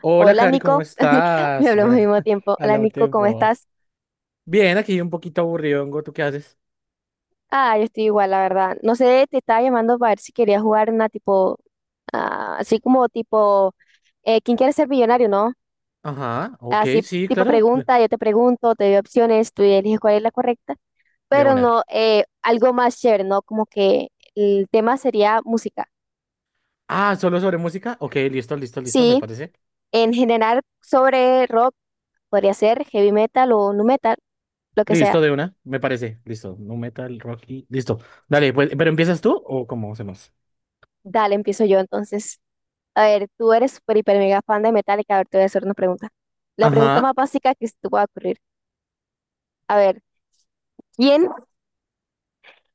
Hola, Hola Cari, ¿cómo Nico, me estás? hablamos al Mira, mismo tiempo. Hola habla un Nico, ¿cómo tiempo. estás? Bien, aquí un poquito aburridongo, ¿tú qué haces? Ah, yo estoy igual, la verdad. No sé, te estaba llamando para ver si querías jugar una tipo, ah, así como tipo, ¿quién quiere ser millonario, no? Ajá, ok, Así sí, tipo claro, pregunta, yo te pregunto, te doy opciones, tú eliges cuál es la correcta, de pero una. no, algo más chévere, ¿no? Como que el tema sería música. Ah, ¿solo sobre música? Ok, listo, listo, listo, me Sí, parece. en general sobre rock, podría ser heavy metal o nu metal, lo que Listo, sea. de una, me parece, listo. No metal, rock y... Listo. Dale, pues, ¿pero empiezas tú o cómo hacemos? Dale, empiezo yo entonces. A ver, tú eres super hiper, mega fan de Metallica. A ver, te voy a hacer una pregunta. La pregunta Ajá. más básica que se te pueda ocurrir. A ver, ¿quién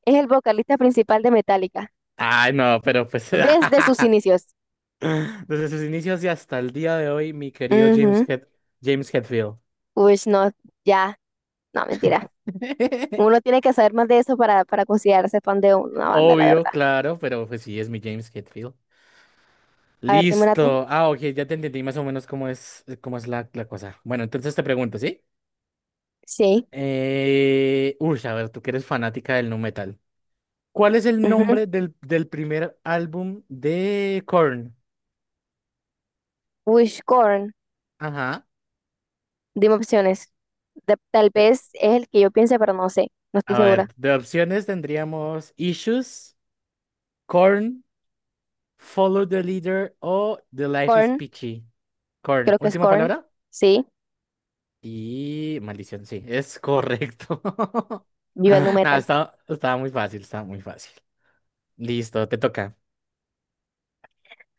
es el vocalista principal de Metallica Ay, no, pero pues... desde sus inicios? Desde sus inicios y hasta el día de hoy, mi querido James Ujú. Head... James Hetfield. Uy, no, ya, no, mentira. Uno tiene que saber más de eso para considerarse fan de una banda, la Obvio, verdad. claro, pero pues sí, es mi James Hetfield. A ver, dime una tú. Listo. Ah, ok, ya te entendí más o menos cómo es la cosa. Bueno, entonces te pregunto, ¿sí? Sí. Uy, a ver, tú que eres fanática del nu metal. ¿Cuál es el Ujú. nombre del primer álbum de Korn? Uy, Korn. Ajá. Dime opciones. Tal Eh, vez es el que yo piense, pero no sé. No estoy a ver, segura. de opciones tendríamos Issues, Korn, Follow the Leader o The Life is Korn, Peachy. Korn, creo que es última Korn. palabra. Sí, Y maldición, sí, es correcto. vive el nu Nada, metal. Estaba muy fácil, estaba muy fácil. Listo, te toca.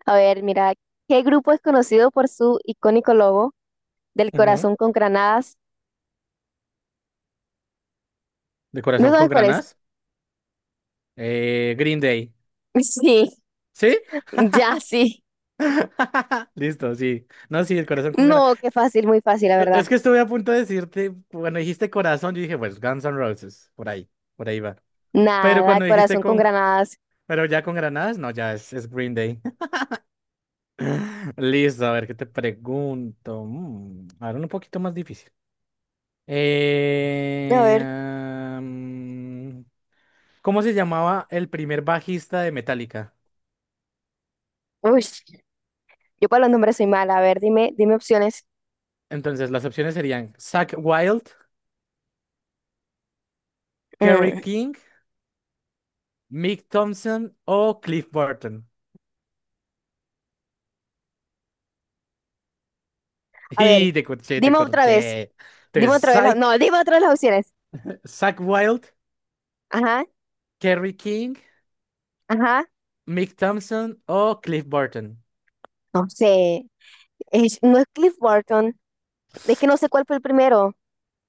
A ver, mira, ¿qué grupo es conocido por su icónico logo del Ujú. corazón con granadas? De ¿No corazón con sabes cuál es? granas. Green Day. Sí, ¿Sí? ya sí. Listo, sí. No, sí, el corazón con granas. No, qué fácil, muy fácil, la Es verdad. que estuve a punto de decirte, cuando dijiste corazón, yo dije, pues Guns N' Roses, por ahí va. Pero Nada, cuando dijiste corazón con con, granadas. pero ya con granadas, no, ya es Green Day. Listo, a ver, ¿qué te pregunto? Ahora un poquito más difícil. A Eh, ver, am, ¿Cómo se llamaba el primer bajista de Metallica? uy, yo para los nombres soy mala. A ver, dime opciones. Entonces, las opciones serían Zach Wild, Kerry Mm, King, Mick Thompson o Cliff Burton. A ver, Y te corché, te dime otra vez, corché. Entonces, dime otra vez, la- no, dime otra vez las opciones. Zach Wild, Ajá, Kerry King, ajá, Mick Thompson o Cliff Burton. no sé. No es Cliff Burton, es que no sé cuál fue el primero.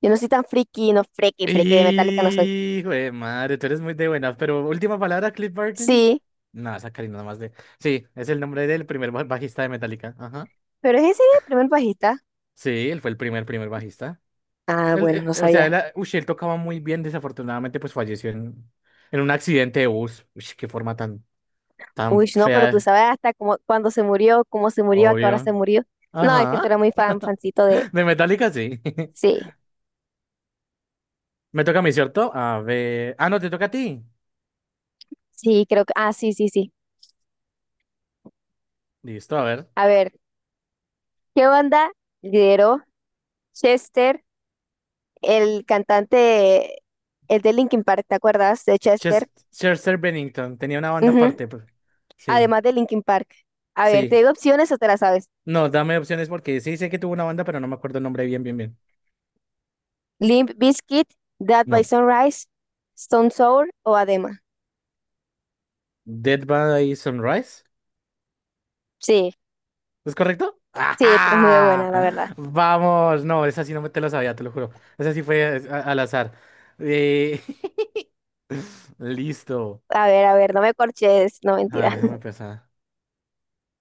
Yo no soy tan friki, no friki, friki de Metallica no soy. Hijo de madre, tú eres muy de buenas, pero última palabra, Cliff Burton. Sí. No, esa Karina nada más de. Sí, es el nombre del primer bajista de Metallica. Ajá. Pero ese es ese el primer bajista. Sí, él fue el primer bajista. Ah, bueno, Él, no o sea, sabía. Él tocaba muy bien, desafortunadamente, pues falleció en un accidente de bus. Uy, qué forma tan, tan Uy, no, pero tú fea, sabes hasta cómo, cuándo se murió, cómo se murió, a qué hora obvio. se murió. No, es que tú Ajá. eres muy fan, fancito de... De Metallica, sí. Sí, Me toca a mí, ¿cierto? A ver. Ah, no, te toca a ti. sí, creo que... Ah, sí, sí, sí. Listo, a ver. A ver, ¿qué banda lideró Chester, el cantante, el de Linkin Park, ¿te acuerdas de Chester? Chester Bennington tenía una banda Ujú, aparte. Pues. Sí, además de Linkin Park. A ver, te sí. digo opciones o te las sabes. No, dame opciones porque sí sé que tuvo una banda, pero no me acuerdo el nombre bien, bien, bien. Limp Bizkit, Dead by No. Sunrise, Stone Sour o Adema. Dead by Sunrise. Sí, ¿Es correcto? sí, tú eres muy de ¡Ajá! buena, la verdad. Vamos, no, esa sí no me te la sabía, te lo juro. Esa sí fue al azar. Eh, listo. A ver, no me corches, no A mentira. déjame pensar.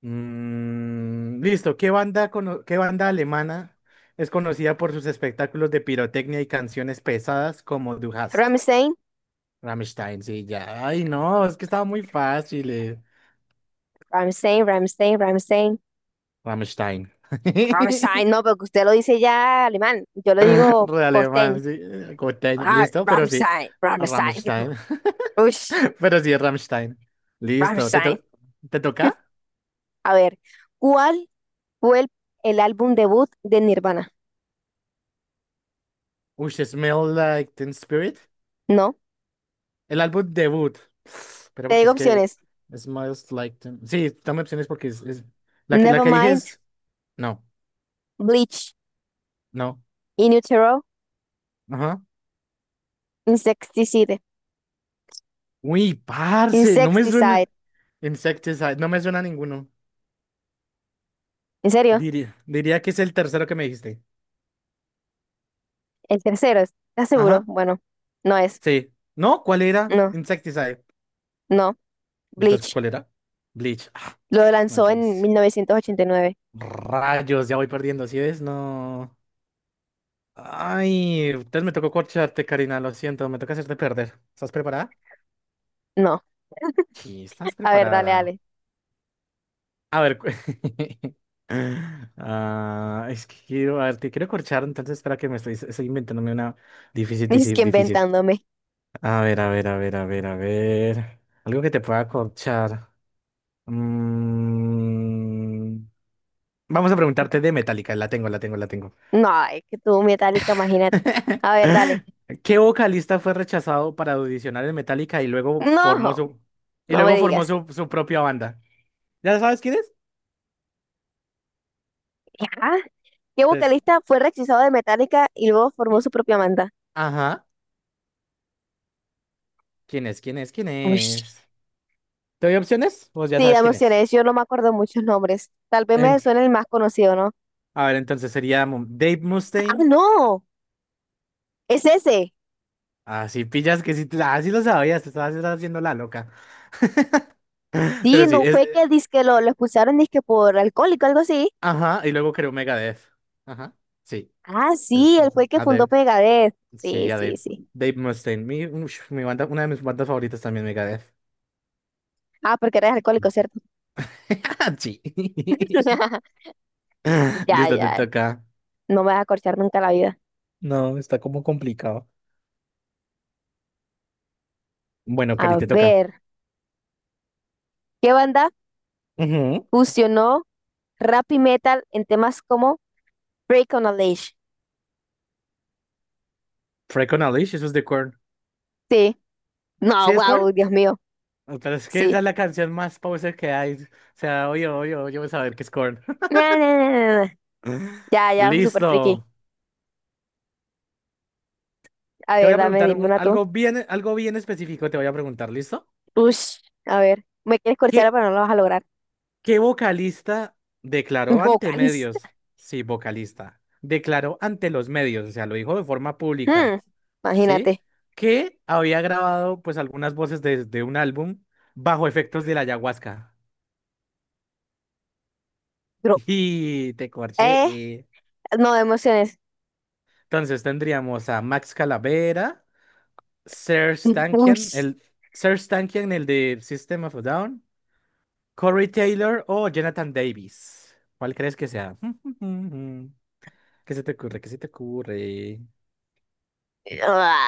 Mm, listo. Qué banda alemana es conocida por sus espectáculos de pirotecnia y canciones pesadas como Du hast? Ramstein, Rammstein, sí, ya. Ay, no, es que estaba muy fácil. Ramstein, Ramstein, Ramstein. Rammstein. Ramstein, no, porque usted lo dice ya alemán. Yo lo digo Re costeño. alemán, sí. Coteño, Ah, listo, pero sí. Ramstein, Ramstein. Rammstein. Ush, Pero sí, es Rammstein. Listo. Ramstein. Te toca? A ver, ¿cuál fue el álbum debut de Nirvana? Uy, Smell Like Teen Spirit. No, El álbum debut. Espera, te porque digo es que opciones. Smells Like Teen... Sí, dame opciones porque la que, la que dije Nevermind, es... No, Bleach, no. In Utero, Ajá. Insecticide. Uy, parce, no me Insecticide. suena... Insecticide, no me suena ninguno. ¿En serio? Diría, diría que es el tercero que me dijiste. El tercero, ¿estás seguro? Ajá, Bueno, no es. sí. ¿No? ¿Cuál era? No, Insecticide. no. Entonces, Bleach. ¿cuál era? Bleach. Ah, Lo lanzó en maldición. 1989. Rayos, ya voy perdiendo, ¿sí ves? No. Ay, entonces me tocó corcharte, Karina, lo siento, me toca hacerte perder. ¿Estás preparada? No, Sí, estás a ver, dale, preparada. dale. A ver, ah, es que quiero, a ver, te quiero corchar, entonces espera que estoy inventándome una difícil, Es que difícil, difícil. inventándome. A ver, a ver, a ver, a ver, a ver. Algo que te pueda corchar. Mm, Vamos a preguntarte de Metallica, la tengo, la tengo, la tengo. No, es que tuvo Metallica, imagínate. A ver, dale. ¿Qué vocalista fue rechazado para audicionar en Metallica y luego formó No, y no me luego formó digas. Su propia banda? ¿Ya sabes quién es? ¿Ya? ¿Qué Entonces, vocalista fue rechazado de Metallica y luego formó y- su propia banda? ajá, ¿quién es? ¿Quién es? ¿Quién Uy. es? ¿Te doy opciones? Pues ya Sí, sabes dame quién es. opciones. Yo no me acuerdo muchos nombres. Tal vez me En- suene el más conocido, ¿no? a ver, entonces sería Dave Ah, Mustaine. no, es ese. Ah sí, pillas que sí, sí lo sabías, te estabas estabas haciendo la loca. Pero Sí, sí, no es, fue que dizque lo expulsaron dizque por alcohólico, algo así. ajá, y luego creo Megadeth. Ajá, sí. Ah, sí, Entonces, él ajá, fue el que fundó Megadeth. Sí, sí, a sí, Dave. sí. Dave Mustaine. Mi banda, una de mis bandas favoritas también, Megadeth. Ah, porque eres alcohólico, ¿cierto? Sí. Ya, Listo, te ya. toca. No me vas a corchar nunca la vida. No, está como complicado. Bueno, Cari, A te toca. ver, ¿qué banda Ujú. fusionó rap y metal en temas como Break on a Leash? Freak on a Leash, eso es de Korn. Sí. ¿Sí No, es Korn? wow, Dios mío. Pero es que esa Sí. es la canción más poser que hay. O sea, oye, oye, oye, voy a saber qué es Korn. Na, na, na, na, na. Ya, ya, super Listo. friki. A Te voy ver, a dame, preguntar dime una tú. Algo bien específico, te voy a preguntar, ¿listo? Ush, a ver. Me quieres corchar, ¿Qué, pero no lo vas a lograr. ¿Qué vocalista declaró ante Vocalista. medios? Sí, vocalista. Declaró ante los medios, o sea, lo dijo de forma pública, Hmm, ¿sí? imagínate. Que había grabado pues algunas voces de un álbum bajo efectos de la ayahuasca. Bro. Y te corché. Eh, no, emociones. Entonces tendríamos a Max Calavera, Serj Tankian, Ush. el Serj Tankian, el de System of a Down, Corey Taylor o Jonathan Davis. ¿Cuál crees que sea? ¿Qué se te ocurre? ¿Qué se te ocurre? Ah,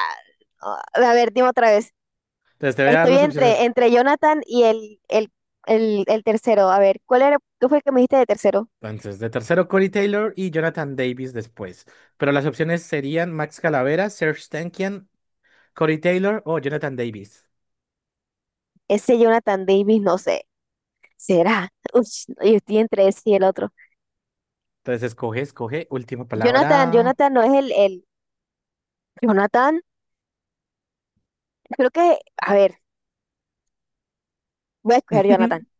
ah. A ver, dime otra vez. Entonces te voy a dar Estoy las opciones. entre Jonathan y el tercero. A ver, ¿cuál era? ¿Qué fue el que me dijiste de tercero? Entonces, de tercero, Corey Taylor y Jonathan Davis después. Pero las opciones serían Max Calavera, Serge Tankian, Corey Taylor o Jonathan Davis. Ese Jonathan Davis, no sé. ¿Será? Uy, yo estoy entre ese y el otro. Entonces, escoge, escoge. Última Jonathan, palabra. Jonathan no es el, el. Jonathan, creo que. A ver, voy a escoger Jonathan.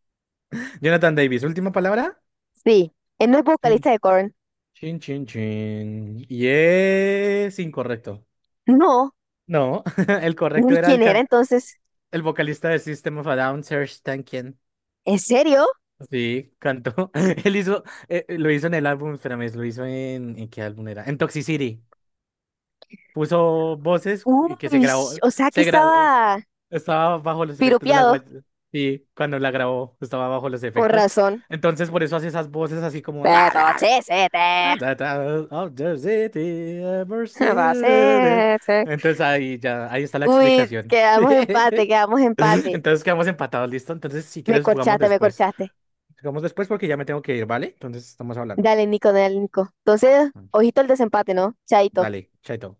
Jonathan Davis, última palabra. Sí, él no es Chin, vocalista de Korn. chin, chin, chin. Y es incorrecto. No, No, el correcto ni era quién era entonces. el vocalista de System of a Down, Serge Tankian. ¿En serio? Sí, cantó. Él hizo, lo hizo en el álbum, espérame, lo hizo ¿en qué álbum era? En Toxicity. Puso voces y que se Uy, grabó, o sea que se gra- estaba estaba bajo los efectos de la piropeado. Sí, cuando la grabó estaba bajo los Con efectos. razón. Entonces por eso hace esas voces así como Pepochisete, Of the city, ever city. Entonces ahí ya, ahí está la Uy, explicación. quedamos empate, quedamos empate. Entonces quedamos empatados, ¿listo? Entonces si Me quieres jugamos corchaste, me después. corchaste. Jugamos después porque ya me tengo que ir, ¿vale? Entonces estamos hablando. Dale, Nico, dale, Nico. Entonces, ojito el desempate, ¿no? Chaito. Dale, chaito.